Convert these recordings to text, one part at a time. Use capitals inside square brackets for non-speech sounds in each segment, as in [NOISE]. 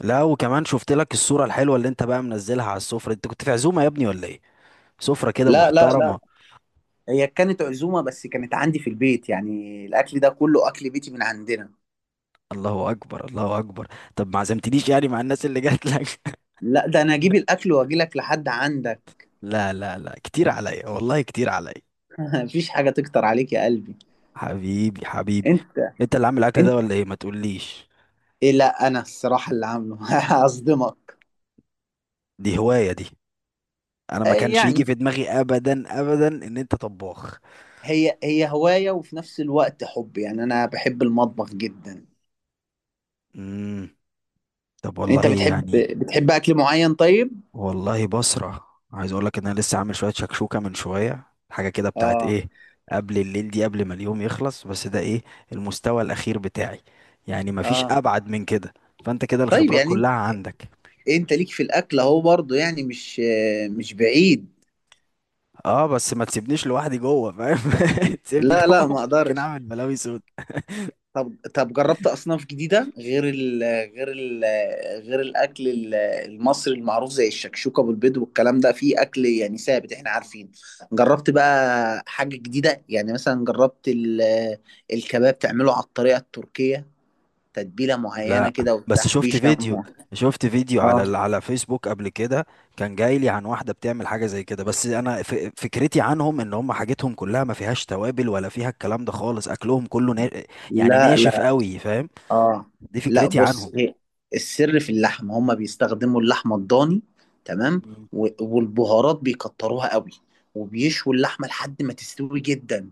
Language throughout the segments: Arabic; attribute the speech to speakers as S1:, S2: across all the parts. S1: لا، وكمان شفت لك الصورة الحلوة اللي انت بقى منزلها على السفرة. انت كنت في عزومة يا ابني ولا ايه؟ سفرة كده
S2: لا لا
S1: محترمة.
S2: لا. هي كانت عزومة، بس كانت عندي في البيت، يعني الأكل ده كله أكل بيتي من عندنا.
S1: الله اكبر الله اكبر. طب ما عزمتنيش يعني مع الناس اللي جات لك؟ [LAUGHS]
S2: لا، ده أنا أجيب الأكل وأجي لك لحد عندك.
S1: لا لا لا، كتير عليا والله، كتير عليا.
S2: [LAUGHS] مفيش حاجة تكتر عليك يا قلبي.
S1: حبيبي حبيبي.
S2: أنت.
S1: انت اللي عامل الاكل
S2: أنت.
S1: ده ولا ايه؟ ما تقوليش،
S2: إيه؟ لا، أنا الصراحة اللي عامله. [LAUGHS] هصدمك.
S1: دي هواية دي. انا ما
S2: آه،
S1: كانش يجي
S2: يعني
S1: في دماغي ابدا ان انت طباخ.
S2: هي هواية، وفي نفس الوقت حب، يعني أنا بحب المطبخ جدا.
S1: امم طب والله
S2: أنت بتحب.
S1: يعني.
S2: بتحب أكل معين طيب؟
S1: والله بسرع، عايز اقول لك ان انا لسه عامل شويه شكشوكه من شويه. حاجه كده بتاعت
S2: آه.
S1: ايه، قبل الليل دي، قبل ما اليوم يخلص، بس ده ايه؟ المستوى الاخير بتاعي، يعني مفيش
S2: آه.
S1: ابعد من كده. فانت كده
S2: طيب،
S1: الخبرات
S2: يعني أنت
S1: كلها عندك.
S2: أنت ليك في الأكل أهو، برضه يعني مش بعيد
S1: اه، بس ما تسيبنيش لوحدي جوه، فاهم؟ [LAUGHS] تسيبني
S2: لا
S1: جوه
S2: لا، ما
S1: ممكن
S2: أقدرش.
S1: اعمل بلاوي سودا.
S2: طب طب، جربت اصناف جديده غير ال غير الاكل المصري المعروف زي الشكشوكه بالبيض والكلام ده، في اكل يعني ثابت احنا عارفين. جربت بقى حاجه جديده؟ يعني مثلا جربت الكباب تعمله على الطريقه التركيه، تتبيله معينه
S1: لا،
S2: كده
S1: بس شفت
S2: وتحبيشه
S1: فيديو. شفت فيديو على
S2: اه.
S1: على فيسبوك قبل كده. كان جاي لي عن واحده بتعمل حاجه زي كده، بس انا فكرتي عنهم ان هم حاجتهم كلها ما فيهاش توابل ولا فيها الكلام ده خالص. اكلهم كله نا... يعني
S2: لا
S1: ناشف
S2: لا.
S1: قوي، فاهم؟
S2: اه.
S1: دي
S2: لا،
S1: فكرتي
S2: بص،
S1: عنهم.
S2: هي السر في اللحمه، هما بيستخدموا اللحمه الضاني، تمام.
S1: مم.
S2: والبهارات بيكتروها قوي، وبيشوا اللحمه لحد ما تستوي جدا،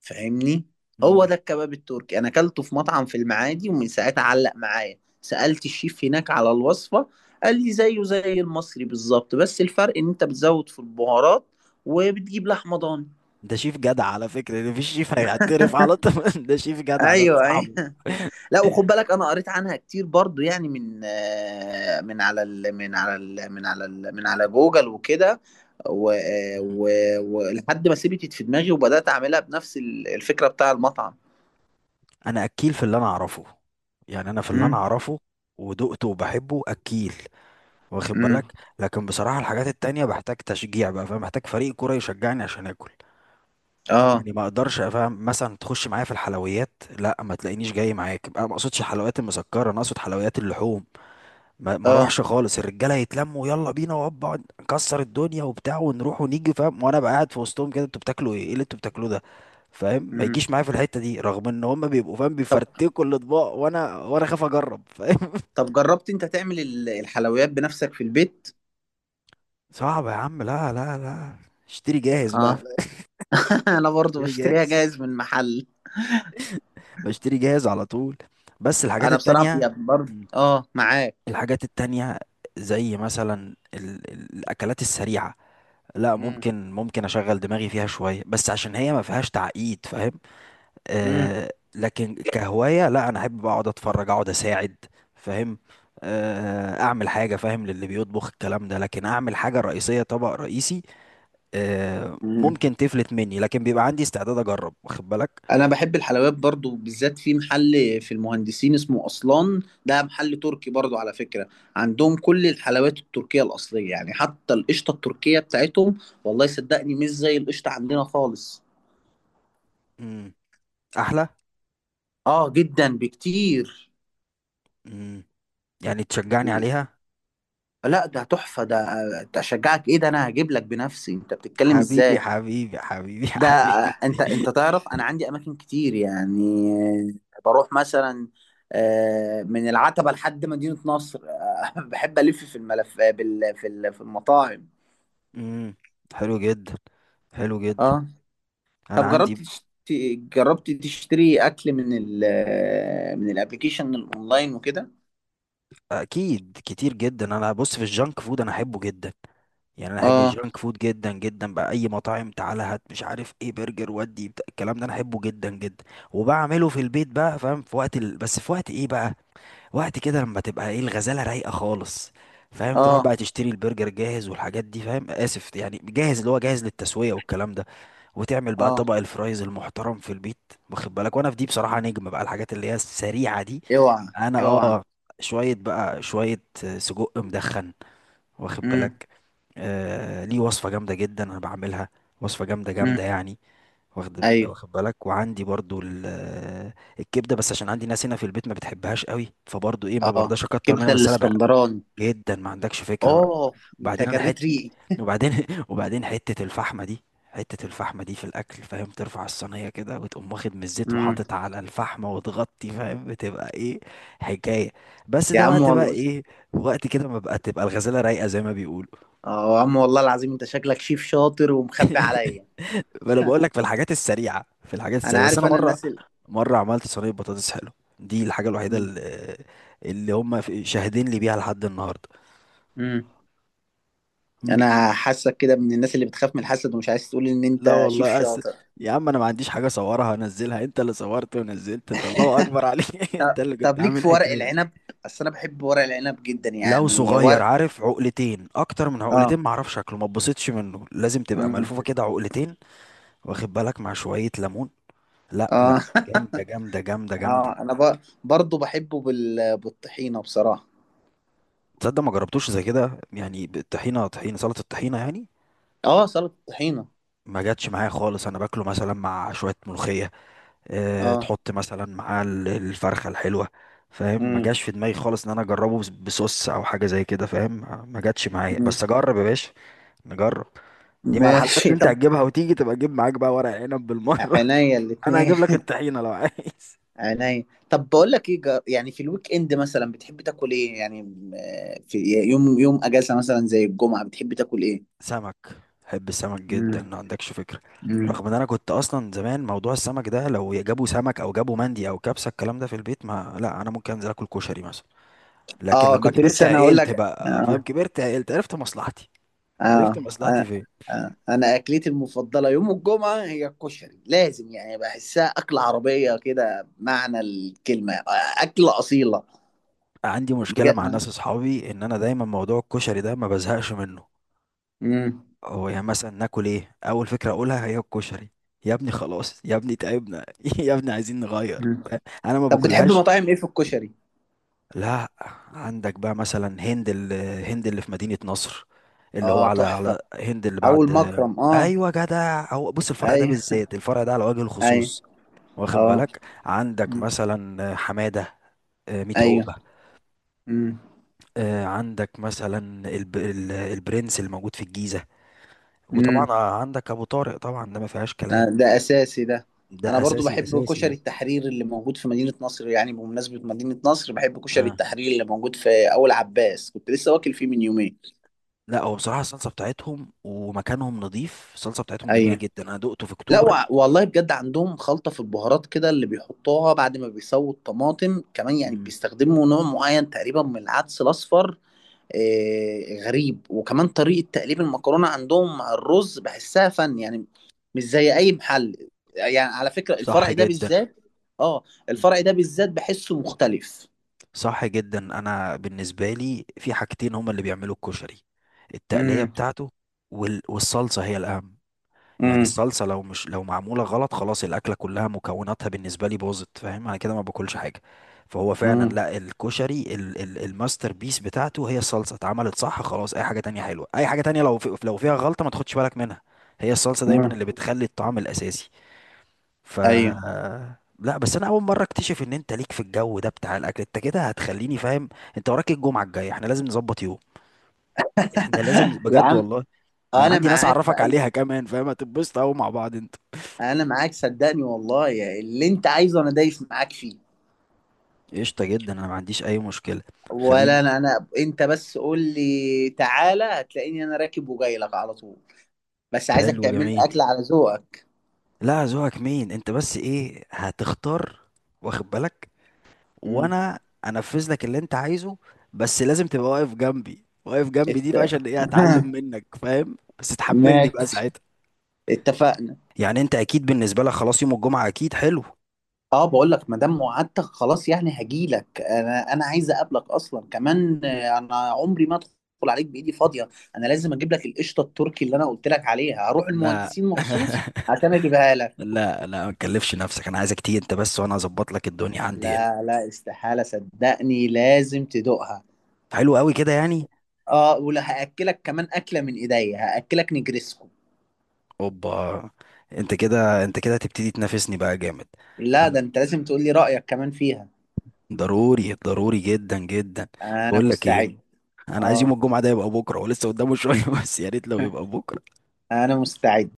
S2: فاهمني؟ هو
S1: مم.
S2: ده الكباب التركي، انا اكلته في مطعم في المعادي، ومن ساعتها علق معايا. سالت الشيف هناك على الوصفه، قال لي زيه زي المصري بالظبط، بس الفرق ان انت بتزود في البهارات وبتجيب لحمه ضاني.
S1: ده شيف جدع على فكره. ده مفيش شيف هيعترف على طول. [LAUGHS] ده شيف جدع، ده
S2: ايوه ايوه.
S1: صاحبه.
S2: لا، وخد بالك، انا قريت عنها كتير برضو، يعني من على ال من على ال من على جوجل وكده. ولحد
S1: مم.
S2: و- آه، و- ولحد ما سيبت في دماغي وبدات اعملها بنفس الفكره بتاع المطعم.
S1: انا اكيل في اللي انا اعرفه. يعني انا في اللي انا
S2: امم.
S1: اعرفه ودقته وبحبه اكيل، واخد
S2: امم.
S1: بالك؟ لكن بصراحة الحاجات التانية بحتاج تشجيع بقى، فاهم؟ محتاج فريق كورة يشجعني عشان اكل.
S2: اه.
S1: يعني ما اقدرش افهم مثلا تخش معايا في الحلويات، لا، ما تلاقينيش جاي معاك بقى. ما اقصدش الحلويات المسكرة، انا اقصد حلويات اللحوم. ما
S2: اه.
S1: اروحش خالص. الرجالة يتلموا، يلا بينا وابا نكسر الدنيا وبتاع، ونروح ونيجي، فاهم؟ وانا بقى قاعد في وسطهم كده، انتوا بتاكلوا ايه؟ ايه اللي انتوا بتاكلوه ده؟ فاهم؟ ما
S2: امم.
S1: يجيش معايا في الحتة دي، رغم ان هم بيبقوا فاهم
S2: طب
S1: بيفرتكوا الاطباق، وانا خاف اجرب، فاهم؟
S2: طب، جربت انت تعمل الحلويات بنفسك في البيت؟
S1: [LAUGHS] صعب يا عم، لا لا لا. اشتري جاهز بقى.
S2: اه. [LAUGHS] انا برضو
S1: بشتري
S2: بشتريها
S1: جاهز،
S2: جاهز من محل.
S1: بشتري جاهز على طول. بس الحاجات
S2: انا بصراحه،
S1: التانية.
S2: يا برضو،
S1: مم.
S2: اه، معاك.
S1: الحاجات التانية، زي مثلا ال... الأكلات السريعة، لا
S2: امم.
S1: ممكن، ممكن أشغل دماغي فيها شوية، بس عشان هي ما فيهاش تعقيد، فاهم؟ آه، لكن كهواية لا، أنا أحب أقعد أتفرج، أقعد أساعد، فاهم؟ آه، أعمل حاجة فاهم للي بيطبخ الكلام ده، لكن أعمل حاجة رئيسية، طبق رئيسي، آه
S2: امم.
S1: ممكن تفلت مني، لكن بيبقى عندي استعداد أجرب، واخد بالك؟
S2: انا بحب الحلويات برضو، بالذات في محل في المهندسين اسمه اصلان، ده محل تركي برضو على فكرة. عندهم كل الحلويات التركية الاصلية، يعني حتى القشطة التركية بتاعتهم، والله صدقني مش زي القشطة عندنا خالص.
S1: مم. أحلى.
S2: اه، جدا بكتير.
S1: مم. يعني تشجعني عليها.
S2: لا، ده تحفة ده. ده اشجعك ايه؟ ده انا هجيب لك بنفسي، انت بتتكلم
S1: حبيبي
S2: ازاي؟
S1: حبيبي حبيبي [LAUGHS]
S2: ده
S1: حبيبي.
S2: انت تعرف انا عندي اماكن كتير، يعني بروح مثلا من العتبة لحد مدينة نصر، [LAUGHS] بحب الف في الملف في المطاعم.
S1: امم حلو جدا، حلو جدا.
S2: اه.
S1: انا
S2: طب،
S1: عندي.
S2: جربت تشتري اكل من ال آه، من الابلكيشن الاونلاين وكده.
S1: اكيد كتير جدا. انا بص، في الجانك فود انا احبه جدا. يعني انا احب
S2: اه.
S1: الجانك فود جدا جدا بقى. اي مطاعم تعالى هات، مش عارف ايه، برجر ودي الكلام ده انا احبه جدا جدا. وبعمله في البيت بقى، فاهم؟ في وقت ال... بس في وقت ايه بقى؟ وقت كده لما تبقى ايه، الغزاله رايقه خالص، فاهم؟ تروح
S2: اه.
S1: بقى تشتري البرجر جاهز والحاجات دي، فاهم؟ اسف يعني جاهز، اللي هو جاهز للتسويه والكلام ده، وتعمل بقى
S2: اه.
S1: طبق الفرايز المحترم في البيت، واخد بالك؟ وانا في دي بصراحه نجم بقى. الحاجات اللي هي السريعه دي
S2: اوعى.
S1: انا
S2: اوعى.
S1: اه، شويه بقى شويه. سجق مدخن، واخد
S2: امم.
S1: بالك؟ آه، ليه وصفه جامده جدا انا بعملها، وصفه جامده
S2: امم.
S1: جامده يعني، واخد
S2: ايوه.
S1: واخد بالك؟ وعندي برضو الكبده، بس عشان عندي ناس هنا في البيت ما بتحبهاش قوي، فبرضو ايه، ما
S2: اه،
S1: برضاش اكتر منها،
S2: كبدة
S1: بس انا بقى
S2: الاسكندراني.
S1: جدا ما عندكش فكره.
S2: اه، انت
S1: وبعدين انا حت،
S2: جريت ريقي.
S1: وبعدين [LAUGHS] وبعدين حتة الفحمة دي، حتة الفحمة دي في الأكل، فاهم؟ ترفع الصينية كده وتقوم واخد من الزيت
S2: امم.
S1: وحاطط على الفحمة وتغطي، فاهم؟ بتبقى إيه، حكاية. بس
S2: يا
S1: ده
S2: عم
S1: وقت بقى
S2: والله.
S1: إيه، وقت كده ما بقى، تبقى الغزالة رايقة زي ما بيقولوا.
S2: اه، يا عم والله العظيم، انت شكلك شيف شاطر ومخبي عليا.
S1: ما أنا بقول
S2: [LAUGHS]
S1: لك في الحاجات السريعة، في الحاجات
S2: انا
S1: السريعة. بس
S2: عارف،
S1: أنا
S2: انا
S1: مرة،
S2: الناس
S1: مرة عملت صينية بطاطس حلو، دي الحاجة الوحيدة
S2: مم.
S1: اللي، اللي هم شاهدين لي بيها لحد النهاردة.
S2: مم. انا حاسك كده من الناس اللي بتخاف من الحسد ومش عايز تقول ان
S1: لا
S2: انت شيف
S1: والله، أس...
S2: شاطر.
S1: يا عم، انا ما عنديش حاجه اصورها انزلها. انت اللي صورت ونزلت، الله اكبر عليك [LAUGHS] انت اللي كنت
S2: طب ليك
S1: عامل
S2: في ورق
S1: حكايه.
S2: العنب؟ اصل انا بحب ورق العنب جدا،
S1: لو
S2: يعني
S1: صغير،
S2: ورق.
S1: عارف، عقلتين، اكتر من
S2: اه.
S1: عقلتين معرفش شكله، ما اتبسطش منه. لازم تبقى
S2: مم.
S1: ملفوفه كده عقلتين، واخد بالك؟ مع شويه ليمون، لا
S2: اه.
S1: لا، جامده
S2: [LAUGHS]
S1: جامده جامده جامده.
S2: اه، انا برضو بحبه بالطحينه بصراحه.
S1: تصدق ما جربتوش زي كده؟ يعني الطحينه، طحينه، سلطه الطحينه يعني،
S2: اه، سلطه الطحينه.
S1: ما جاتش معايا خالص. انا باكله مثلا مع شويه ملوخيه، آه،
S2: اه.
S1: تحط مثلا معاه الفرخة الحلوة، فاهم؟ ما
S2: امم.
S1: جاش في دماغي خالص ان انا اجربه بصوص او حاجة زي كده، فاهم؟ ما جاتش معايا، بس اجرب يا باشا، نجرب. دي مع الحلويات
S2: ماشي
S1: اللي انت
S2: طب.
S1: هتجيبها، وتيجي تبقى تجيب معاك بقى ورق عنب بالمرة. [LAUGHS]
S2: عينيا
S1: انا
S2: الاتنين.
S1: هجيب لك الطحينة لو عايز.
S2: عينيا. طب بقول لك ايه، يعني في الويك اند مثلا بتحب تاكل ايه؟ يعني في يوم يوم اجازه مثلا زي الجمعه بتحب تاكل ايه؟
S1: سمك، بحب السمك
S2: امم.
S1: جدا، ما عندكش فكرة.
S2: امم.
S1: رغم ان انا كنت اصلا زمان موضوع السمك ده، لو جابوا سمك او جابوا مندي او كبسة الكلام ده في البيت، ما لا، انا ممكن انزل اكل كشري مثلا. لكن
S2: اه،
S1: لما
S2: كنت
S1: كبرت
S2: لسه انا اقول
S1: عقلت
S2: لك.
S1: بقى، فاهم؟
S2: آه.
S1: كبرت عقلت، عرفت مصلحتي. عرفت
S2: آه.
S1: مصلحتي
S2: آه.
S1: فين.
S2: آه. انا اكلتي المفضله يوم الجمعه هي الكشري، لازم، يعني بحسها اكله عربيه كده بمعنى الكلمه، اكله اصيله.
S1: عندي مشكله
S2: بجد.
S1: مع
S2: آه.
S1: ناس اصحابي ان انا دايما موضوع الكشري ده ما بزهقش منه.
S2: مم.
S1: هو يعني مثلا ناكل ايه، اول فكره اقولها هي الكشري. يا ابني خلاص، يا ابني تعبنا [LAUGHS] يا ابني عايزين نغير.
S2: مم.
S1: انا ما
S2: طب بتحب
S1: باكلهاش.
S2: مطاعم ايه في الكشري؟
S1: لا، عندك بقى مثلا هند هند اللي في مدينة نصر، اللي هو
S2: اه،
S1: على
S2: تحفه.
S1: على هند اللي
S2: اول
S1: بعد.
S2: مكرم، اه.
S1: ايوه جدع، هو بص الفرع ده
S2: اي.
S1: بالذات، الفرع ده على وجه
S2: اي.
S1: الخصوص، واخد
S2: اه.
S1: بالك؟ عندك مثلا حمادة، آه، ميت
S2: ايوه.
S1: عقبة.
S2: امم.
S1: آه، عندك مثلا البرنس اللي موجود في الجيزة. وطبعا
S2: امم.
S1: آه، عندك ابو طارق طبعا، ده ما فيهاش كلام،
S2: ده اساسي ده.
S1: ده
S2: انا برضو
S1: اساسي
S2: بحب
S1: اساسي
S2: كشري
S1: يعني.
S2: التحرير اللي موجود في مدينة نصر، يعني بمناسبة مدينة نصر بحب كشري
S1: آه.
S2: التحرير اللي موجود في اول عباس، كنت لسه واكل فيه من يومين.
S1: لا هو بصراحة الصلصة بتاعتهم ومكانهم نظيف، الصلصة بتاعتهم جميلة
S2: ايوه.
S1: جدا، انا دقته في
S2: لا،
S1: اكتوبر.
S2: والله بجد عندهم خلطة في البهارات كده اللي بيحطوها بعد ما بيسووا الطماطم كمان، يعني
S1: مم.
S2: بيستخدموا نوع معين تقريبا من العدس الاصفر، غريب وكمان طريقة تقليب المكرونة عندهم مع الرز بحسها فن يعني، مش زي أي محل، يعني على فكرة
S1: صح
S2: الفرع ده
S1: جدا.
S2: بالذات. اه.
S1: مم.
S2: الفرع ده بالذات بحسه مختلف.
S1: صح جدا. انا بالنسبة لي في حاجتين هما اللي بيعملوا الكشري، التقلية
S2: امم.
S1: بتاعته، والصلصة هي الاهم. يعني
S2: امم.
S1: الصلصة لو مش، لو معمولة غلط، خلاص الأكلة كلها مكوناتها بالنسبة لي باظت، فاهم؟ أنا كده ما باكلش حاجة. فهو فعلا
S2: امم.
S1: لا، الكشري ال الماستر بيس بتاعته هي الصلصة، اتعملت صح خلاص، أي حاجة تانية حلوة، أي حاجة تانية لو في، لو فيها غلطة ما تاخدش بالك منها. هي الصلصة دايما
S2: امم.
S1: اللي بتخلي الطعم الأساسي. ف،
S2: ايوه.
S1: لا بس انا اول مره اكتشف ان انت ليك في الجو ده بتاع الاكل. انت كده هتخليني فاهم. انت وراك الجمعه الجايه، احنا لازم نظبط يوم، احنا لازم
S2: يا
S1: بجد
S2: عم،
S1: والله. انا
S2: انا
S1: عندي ناس
S2: معاك في
S1: اعرفك
S2: اي.
S1: عليها كمان، فاهم؟ هتتبسط قوي مع بعض.
S2: انا معاك صدقني والله، يا اللي انت عايزه انا دايس معاك فيه.
S1: قشطة جدا، انا ما عنديش اي مشكلة. خلينا.
S2: ولا انا، انت بس قول لي تعالى، هتلاقيني انا راكب وجاي لك على طول. بس عايزك
S1: حلو
S2: تعمل لي
S1: جميل.
S2: اكل على ذوقك.
S1: لا، ذوقك مين انت، بس ايه هتختار، واخد بالك؟
S2: امم.
S1: وانا انفذ لك اللي انت عايزه. بس لازم تبقى واقف جنبي، واقف جنبي دي بقى عشان ايه، اتعلم
S2: [LAUGHS]
S1: منك، فاهم؟ بس تحملني بقى
S2: ماشي،
S1: ساعتها.
S2: اتفقنا.
S1: يعني انت اكيد بالنسبة لك خلاص يوم الجمعة اكيد حلو.
S2: اه، بقول لك ما دام وعدتك خلاص، يعني هجي لك، انا عايز اقابلك اصلا، كمان انا عمري ما ادخل عليك بايدي فاضيه. انا لازم اجيب لك القشطه التركي اللي انا قلت لك عليها، هروح
S1: لا
S2: المهندسين مخصوص
S1: [LAUGHS]
S2: عشان اجيبها لك.
S1: لا لا، ما تكلفش نفسك، انا عايزك تيجي انت بس وانا اظبط لك الدنيا عندي هنا.
S2: لا لا، استحاله، صدقني لازم تدوقها.
S1: حلو قوي كده يعني.
S2: اه، ولا هاكلك كمان اكله من ايديا، هاكلك نجرسكو.
S1: اوبا، انت كده انت كده هتبتدي تنافسني بقى جامد.
S2: لا،
S1: عم-
S2: ده انت لازم تقول لي رايك كمان فيها.
S1: ضروري ضروري جدا جدا.
S2: انا
S1: بقول لك ايه،
S2: مستعد.
S1: انا عايز يوم
S2: اه.
S1: الجمعه ده يبقى بكره، ولسه قدامه شويه، [LAUGHS] بس يا ريت لو يبقى بكره.
S2: [LAUGHS] انا مستعد.